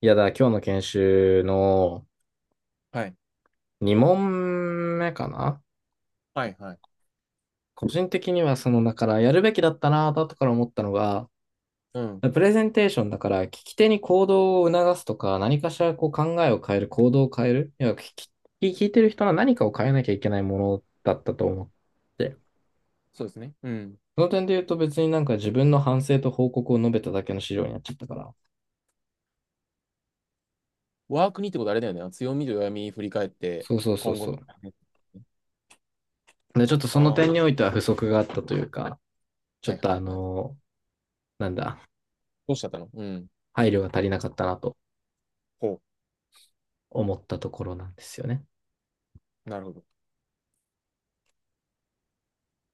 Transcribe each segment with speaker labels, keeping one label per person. Speaker 1: いやだ、今日の研修の
Speaker 2: はい。
Speaker 1: 2問目かな。
Speaker 2: はい、はい。
Speaker 1: 個人的にはだからやるべきだったなぁと後から思ったのが、
Speaker 2: うん。
Speaker 1: プレゼンテーションだから聞き手に行動を促すとか、何かしらこう考えを変える、行動を変える、聞いてる人は何かを変えなきゃいけないものだったと思って、
Speaker 2: そうですね。うん。
Speaker 1: その点で言うと別になんか自分の反省と報告を述べただけの資料になっちゃったから、
Speaker 2: ワークにってことあれだよね。強みと弱み振り返って、
Speaker 1: そうそうそう
Speaker 2: 今後
Speaker 1: そう。
Speaker 2: の。
Speaker 1: で、ちょっと
Speaker 2: あ
Speaker 1: その
Speaker 2: あ、は
Speaker 1: 点においては不足があったというか、ち
Speaker 2: い
Speaker 1: ょ
Speaker 2: は
Speaker 1: っ
Speaker 2: い
Speaker 1: とあ
Speaker 2: はい。
Speaker 1: の、なんだ、
Speaker 2: どうしちゃったの。うん。
Speaker 1: 配慮が足りなかったなと
Speaker 2: ほ
Speaker 1: 思ったところなんですよね。
Speaker 2: う。なるほど。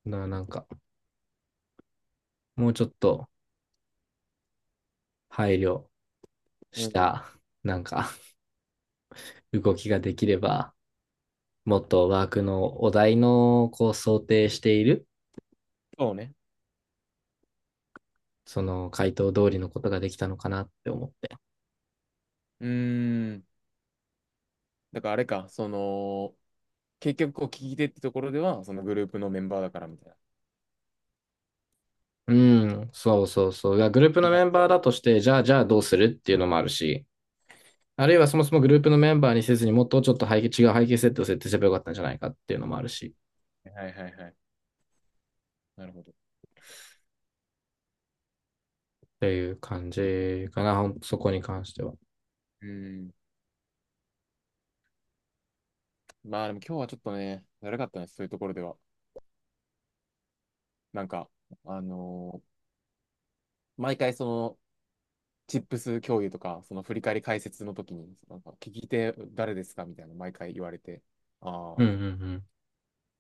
Speaker 1: だからなんか、もうちょっと配慮
Speaker 2: う
Speaker 1: し
Speaker 2: ん。
Speaker 1: た、なんか、動きができれば、もっとワークのお題の、こう、想定している、
Speaker 2: そうね。
Speaker 1: その回答通りのことができたのかなって思って。
Speaker 2: うーん。だからあれか、その、結局こう聞き手ってところでは、そのグループのメンバーだからみたいな。
Speaker 1: うん、そうそうそう。がグループの
Speaker 2: な
Speaker 1: メ
Speaker 2: る
Speaker 1: ン
Speaker 2: ほ
Speaker 1: バーだとして、じゃあどうするっていうのもあるし、あるいはそもそもグループのメンバーにせずにもっとちょっと背景、違う背景設定を設定すればよかったんじゃないかっていうのもあるし、っ
Speaker 2: どね。はいはいはい。なるほど。
Speaker 1: ていう感じかな、そこに関しては。
Speaker 2: うーん。まあでも今日はちょっとね、だるかったね、そういうところでは。なんか、あのー毎回そのチップス共有とか、その振り返り解説の時に、なんか聞き手誰ですかみたいな、毎回言われて、ああ、
Speaker 1: うんう
Speaker 2: みたいな。
Speaker 1: ん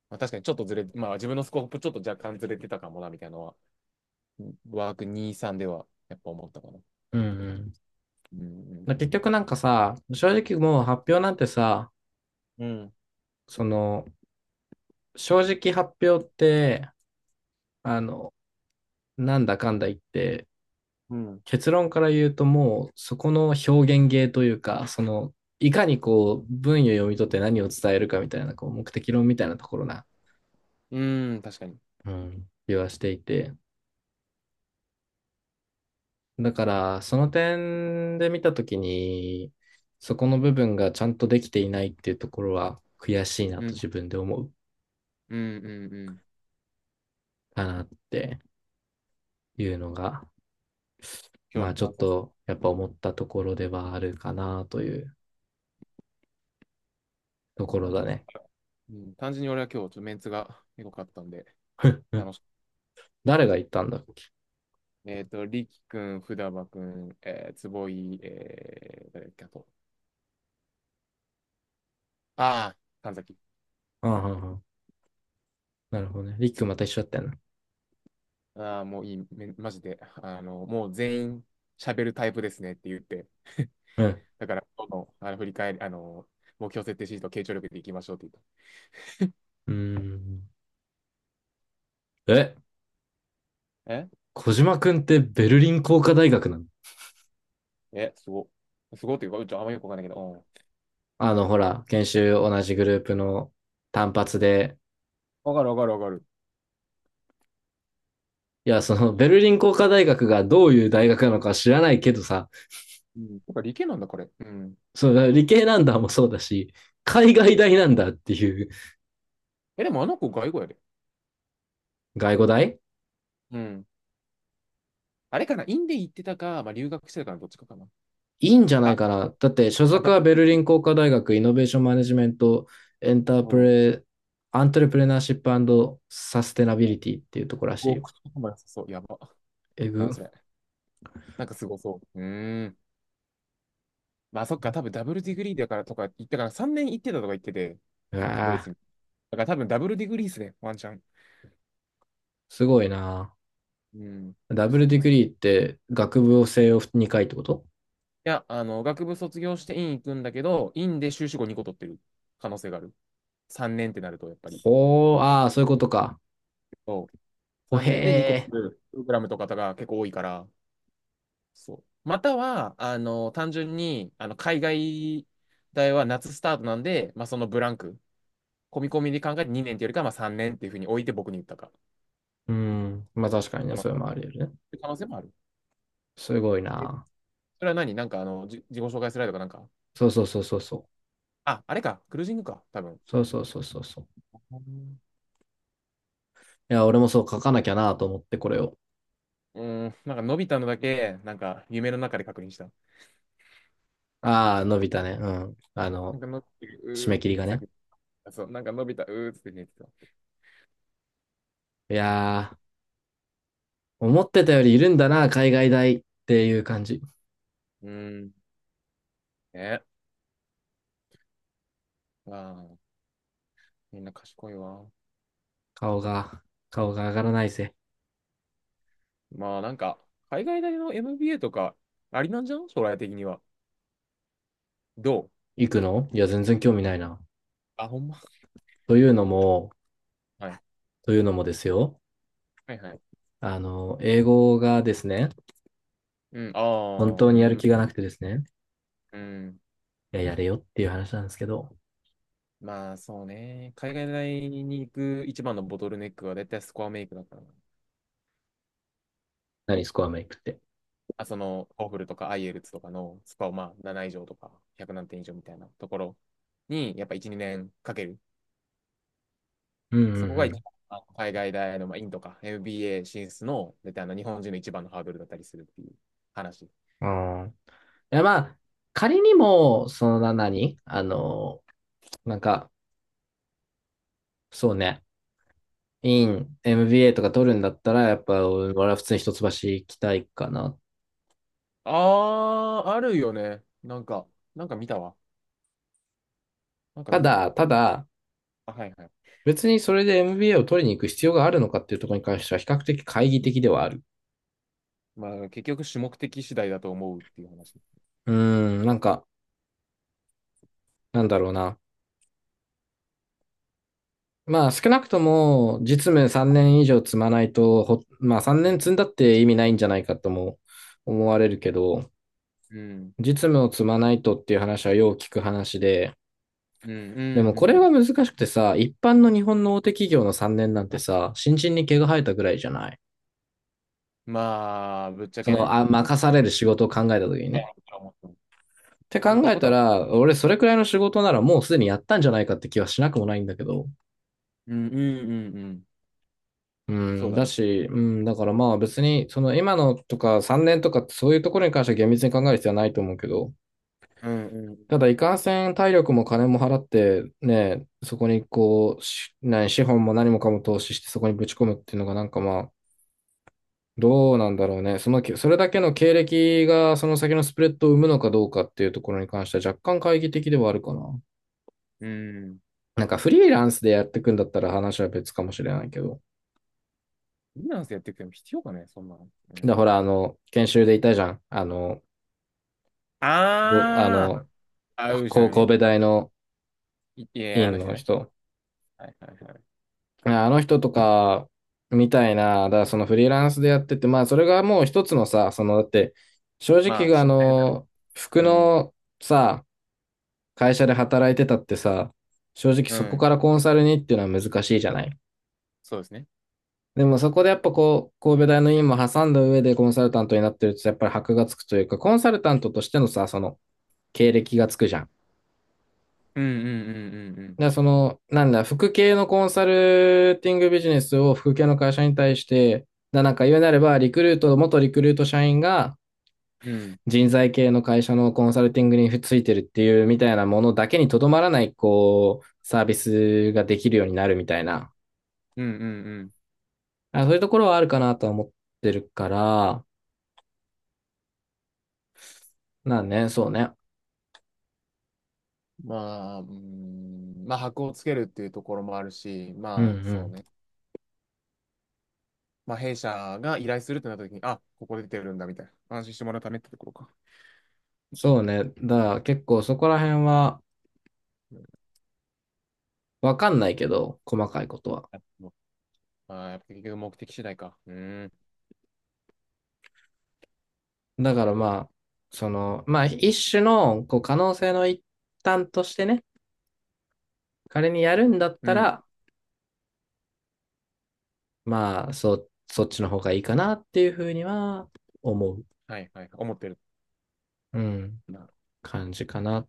Speaker 2: まあ、確かにちょっとずれ、まあ自分のスコープちょっと若干ずれてたかもな、みたいなのは、ワーク2、3ではやっぱ思ったかな。
Speaker 1: うん。うんうん。
Speaker 2: うん、
Speaker 1: まあ
Speaker 2: う
Speaker 1: 結
Speaker 2: ん、
Speaker 1: 局なんかさ、正直もう発表なんてさ、
Speaker 2: うん。
Speaker 1: その、正直発表って、あの、なんだかんだ言って、
Speaker 2: うん、うん、
Speaker 1: 結論から言うともうそこの表現芸というか、その、いかにこう、文を読み取って何を伝えるかみたいな、こう、目的論みたいなところな、
Speaker 2: 確かに。
Speaker 1: うん、気はしていて。だから、その点で見たときに、そこの部分がちゃんとできていないっていうところは悔しいな
Speaker 2: う
Speaker 1: と
Speaker 2: ん、
Speaker 1: 自分で思う
Speaker 2: うん、うん、うん。
Speaker 1: かなっていうのが
Speaker 2: 今
Speaker 1: ま
Speaker 2: 日
Speaker 1: あ
Speaker 2: の
Speaker 1: ちょ
Speaker 2: 感
Speaker 1: っ
Speaker 2: 想です。
Speaker 1: とやっぱ思ったところではあるかなというと
Speaker 2: まあ、
Speaker 1: ころ
Speaker 2: 単
Speaker 1: だ
Speaker 2: 純に、
Speaker 1: ね。
Speaker 2: うん、単純に俺は今日ちょっとメンツがエかったんで、
Speaker 1: うん。
Speaker 2: 楽しかっ
Speaker 1: 誰が言ったんだっけ。
Speaker 2: た。リキ君、ふだば君、坪井、誰だっけ、あと、ああ、神崎。
Speaker 1: ああ、ああなるほどね。リックまた一緒だったよな。
Speaker 2: ああ、もういい、めマジで。もう全員喋るタイプですねって言って。
Speaker 1: うん。
Speaker 2: だから、今日の、あの振り返り、目標設定シート、傾聴力でいきましょうって言っ
Speaker 1: うーん。え、
Speaker 2: た。え
Speaker 1: 小島くんってベルリン工科大学なの？
Speaker 2: え、すご。すごっていうか、うちょあんまよくわかんないけど、うん。
Speaker 1: あの、ほら、研修同じグループの単発で、
Speaker 2: わかるわかるわかる。
Speaker 1: いや、そのベルリン工科大学がどういう大学なのか知らないけどさ、
Speaker 2: うん。だから理系なんだ、これ。うん。
Speaker 1: その理系なんだもそうだし、海
Speaker 2: う
Speaker 1: 外
Speaker 2: ん。
Speaker 1: 大なんだっていう。
Speaker 2: え、でもあの子、外語やで。
Speaker 1: 外語大
Speaker 2: うん。あれかな、インで行ってたか、まあ、留学してたかな、どっちかかな。
Speaker 1: いいんじゃない
Speaker 2: あ、
Speaker 1: か
Speaker 2: だ、
Speaker 1: な。だって所属
Speaker 2: ダブ
Speaker 1: は
Speaker 2: ル
Speaker 1: ベ
Speaker 2: ピ
Speaker 1: ルリ
Speaker 2: ッ
Speaker 1: ン工科大学イノベーションマネジメントエンター
Speaker 2: ク。う
Speaker 1: プ
Speaker 2: ん。
Speaker 1: レ、アントレプレナーシップサステナビ
Speaker 2: うん。
Speaker 1: リティっていうとこらしい
Speaker 2: ご
Speaker 1: よ。
Speaker 2: 口とかも良さそう。やば。
Speaker 1: え
Speaker 2: なん
Speaker 1: ぐ。
Speaker 2: それ。なんかすごそう。うーん。まあそっか、多分ダブルディグリーだからとか言ったから、3年行ってたとか言ってて、
Speaker 1: う
Speaker 2: ドイ
Speaker 1: わ
Speaker 2: ツ
Speaker 1: ぁ、
Speaker 2: に。だから多分ダブルディグリーっすね、ワンチャン。
Speaker 1: すごいな。
Speaker 2: うん。
Speaker 1: ダ
Speaker 2: ク
Speaker 1: ブ
Speaker 2: ソ
Speaker 1: ルディ
Speaker 2: 頭
Speaker 1: グ
Speaker 2: や。い
Speaker 1: リーって学部を西洋2回ってこと？
Speaker 2: や、学部卒業して院行くんだけど、院で修士後2個取ってる可能性がある。3年ってなると、やっぱり。
Speaker 1: ほー、ああ、そういうことか。
Speaker 2: そう。
Speaker 1: ほ
Speaker 2: 3年で2個
Speaker 1: へ
Speaker 2: 取るプログラムとかが結構多いから、そう。または、単純に、海外大は夏スタートなんで、まあそのブランク、込み込みで考えて2年っていうよりかは、まあ3年っていうふうに置いて僕に言ったか。
Speaker 1: ー。うん。まあ確かに
Speaker 2: そ
Speaker 1: ね、
Speaker 2: の
Speaker 1: それもあり得るね。
Speaker 2: 可能性もある。
Speaker 1: すごいな。
Speaker 2: それは何なんか自己紹介スライドかなんか。
Speaker 1: そうそうそうそうそう。
Speaker 2: あ、あれか。クルージングか。多分。
Speaker 1: そうそうそうそうそう。いや、俺もそう書かなきゃなと思って、これを。
Speaker 2: うん、なんか、伸びたのだけ、なんか、夢の中で確認した。
Speaker 1: ああ、伸びたね。うん。あ
Speaker 2: なん
Speaker 1: の、
Speaker 2: か、のび太、う
Speaker 1: 締
Speaker 2: ーっ
Speaker 1: め
Speaker 2: て
Speaker 1: 切
Speaker 2: 言
Speaker 1: り
Speaker 2: って
Speaker 1: が
Speaker 2: 叫
Speaker 1: ね。
Speaker 2: ぶ。あそう、なんか、伸びたうーって言ってた。
Speaker 1: いやー、思ってたよりいるんだな、海外大っていう感じ。
Speaker 2: うーん、ね。まあ、みんな賢いわ。
Speaker 1: 顔が、顔が上がらないぜ。
Speaker 2: まあ、なんか、海外大の MBA とか、ありなんじゃん将来的には。どう
Speaker 1: 行くの？いや、全然興味ないな。
Speaker 2: あ、ほんま。
Speaker 1: というのも、
Speaker 2: はい。
Speaker 1: というのもですよ。
Speaker 2: はいはい。
Speaker 1: あの、英語がですね、
Speaker 2: うん、あ
Speaker 1: 本
Speaker 2: あ、う
Speaker 1: 当にやる
Speaker 2: ん、
Speaker 1: 気がなくてですね、
Speaker 2: うん。
Speaker 1: いや、やれよっていう話なんですけど、
Speaker 2: まあ、そうね。海外大に行く一番のボトルネックは、絶対スコアメイクだからな。
Speaker 1: 何スコアメイクって。
Speaker 2: ホーフルとか IELTS とかのスコアをまあ7以上とか100何点以上みたいなところに、やっぱ1、2年かける。
Speaker 1: うんう
Speaker 2: そこが一
Speaker 1: ん
Speaker 2: 番海外大の、まあ、とか MBA 進出の、絶対あの日本人の一番のハードルだったりするっていう話。
Speaker 1: うん。あん。いや、まあ、仮にも、そのな何、あの、なんか、そうね、イン、MBA とか取るんだったら、やっぱ俺は普通に一橋行きたいかな。
Speaker 2: あー、あるよね。なんか、なんか見たわ。なんか
Speaker 1: た
Speaker 2: 見たか
Speaker 1: だ、
Speaker 2: も。
Speaker 1: ただ、
Speaker 2: あ、はいはい。
Speaker 1: 別にそれで MBA を取りに行く必要があるのかっていうところに関しては比較的懐疑的ではある。
Speaker 2: まあ、結局、主目的次第だと思うっていう話。
Speaker 1: うーん、なんだろうな。まあ少なくとも実務3年以上積まないと、ほまあ3
Speaker 2: う
Speaker 1: 年
Speaker 2: ん。
Speaker 1: 積んだって意味ないんじゃないかとも思われるけど、
Speaker 2: うん。
Speaker 1: 実務を積まないとっていう話はよう聞く話で、
Speaker 2: うん。う
Speaker 1: でも
Speaker 2: ん。う
Speaker 1: これ
Speaker 2: ん。
Speaker 1: は難しくてさ、一般の日本の大手企業の3年なんてさ、新人に毛が生えたぐらいじゃない？
Speaker 2: まあ、ぶっちゃけね。今
Speaker 1: 任さ
Speaker 2: 回ね
Speaker 1: れる仕事を考えた時にね。って考
Speaker 2: 言いたい
Speaker 1: え
Speaker 2: こと
Speaker 1: た
Speaker 2: は
Speaker 1: ら、俺それくらいの仕事ならもうすでにやったんじゃないかって気はしなくもないんだけど。
Speaker 2: うん、うん、うん、うん。
Speaker 1: う
Speaker 2: そう
Speaker 1: ん、
Speaker 2: だ
Speaker 1: だ
Speaker 2: ね。
Speaker 1: し、うん、だからまあ別に、その今のとか3年とかそういうところに関しては厳密に考える必要はないと思うけど、
Speaker 2: うん、うん、
Speaker 1: ただいかんせん体力も金も払ってね、そこに、資本も何もかも投資してそこにぶち込むっていうのがなんかまあ、どうなんだろうね。その、それだけの経歴がその先のスプレッドを生むのかどうかっていうところに関しては若干懐疑的ではあるかな。
Speaker 2: うん。
Speaker 1: なんかフリーランスでやっていくんだったら話は別かもしれないけど。
Speaker 2: フリーランスやってくても必要かね、そんなの。う
Speaker 1: だ、ほら、
Speaker 2: ん。
Speaker 1: あの、研修でいたじゃん。あの、ぼ、あ
Speaker 2: あー
Speaker 1: の、
Speaker 2: あ、うーじ
Speaker 1: こ
Speaker 2: ゃ
Speaker 1: 神
Speaker 2: ね。
Speaker 1: 戸
Speaker 2: うん。
Speaker 1: 大の
Speaker 2: いいや、あ
Speaker 1: 院
Speaker 2: の人
Speaker 1: の
Speaker 2: ね。
Speaker 1: 人。
Speaker 2: はいはいはい。
Speaker 1: ああの人とか、みたいな、だからそのフリーランスでやってて、まあそれがもう一つのさ、その、だって、正
Speaker 2: まあ、
Speaker 1: 直あ
Speaker 2: 心配だから。
Speaker 1: の、服
Speaker 2: うん。
Speaker 1: のさ、会社で働いてたってさ、正直
Speaker 2: う
Speaker 1: そこ
Speaker 2: ん。
Speaker 1: からコンサルにっていうのは難しいじゃない。
Speaker 2: そうですね。
Speaker 1: でもそこでやっぱこう、神戸大の院も挟んだ上でコンサルタントになってるとやっぱり箔がつくというか、コンサルタントとしてのさ、その経歴がつくじゃん。
Speaker 2: うん、うん、うん、
Speaker 1: で、その、なんだ、副系のコンサルティングビジネスを副系の会社に対して、だなんか言うなれば、リクルート、元リクルート社員が
Speaker 2: うん、うん。うん、
Speaker 1: 人材系の会社のコンサルティングについてるっていうみたいなものだけにとどまらない、こう、サービスができるようになるみたいな。
Speaker 2: うん、うん、うん。
Speaker 1: あ、そういうところはあるかなとは思ってるから、まあね、そうね。
Speaker 2: まあ、うん、まあ、箔をつけるっていうところもあるし、
Speaker 1: うんう
Speaker 2: まあ、そう
Speaker 1: ん。
Speaker 2: ね。まあ、弊社が依頼するってなった時に、あ、ここで出てるんだ、みたいな。安心してもらうためってところか。
Speaker 1: そうね。だから結構そこら辺は
Speaker 2: うん、
Speaker 1: わかんないけど、細かいことは。
Speaker 2: あもうあーやっぱ結局目的次第か。うん。
Speaker 1: だからまあ、その、まあ一種のこう可能性の一端としてね、彼にやるんだっ
Speaker 2: う
Speaker 1: た
Speaker 2: ん。
Speaker 1: ら、まあそっちの方がいいかなっていうふうには思う、
Speaker 2: はいはい。思ってる。
Speaker 1: うん、感じかな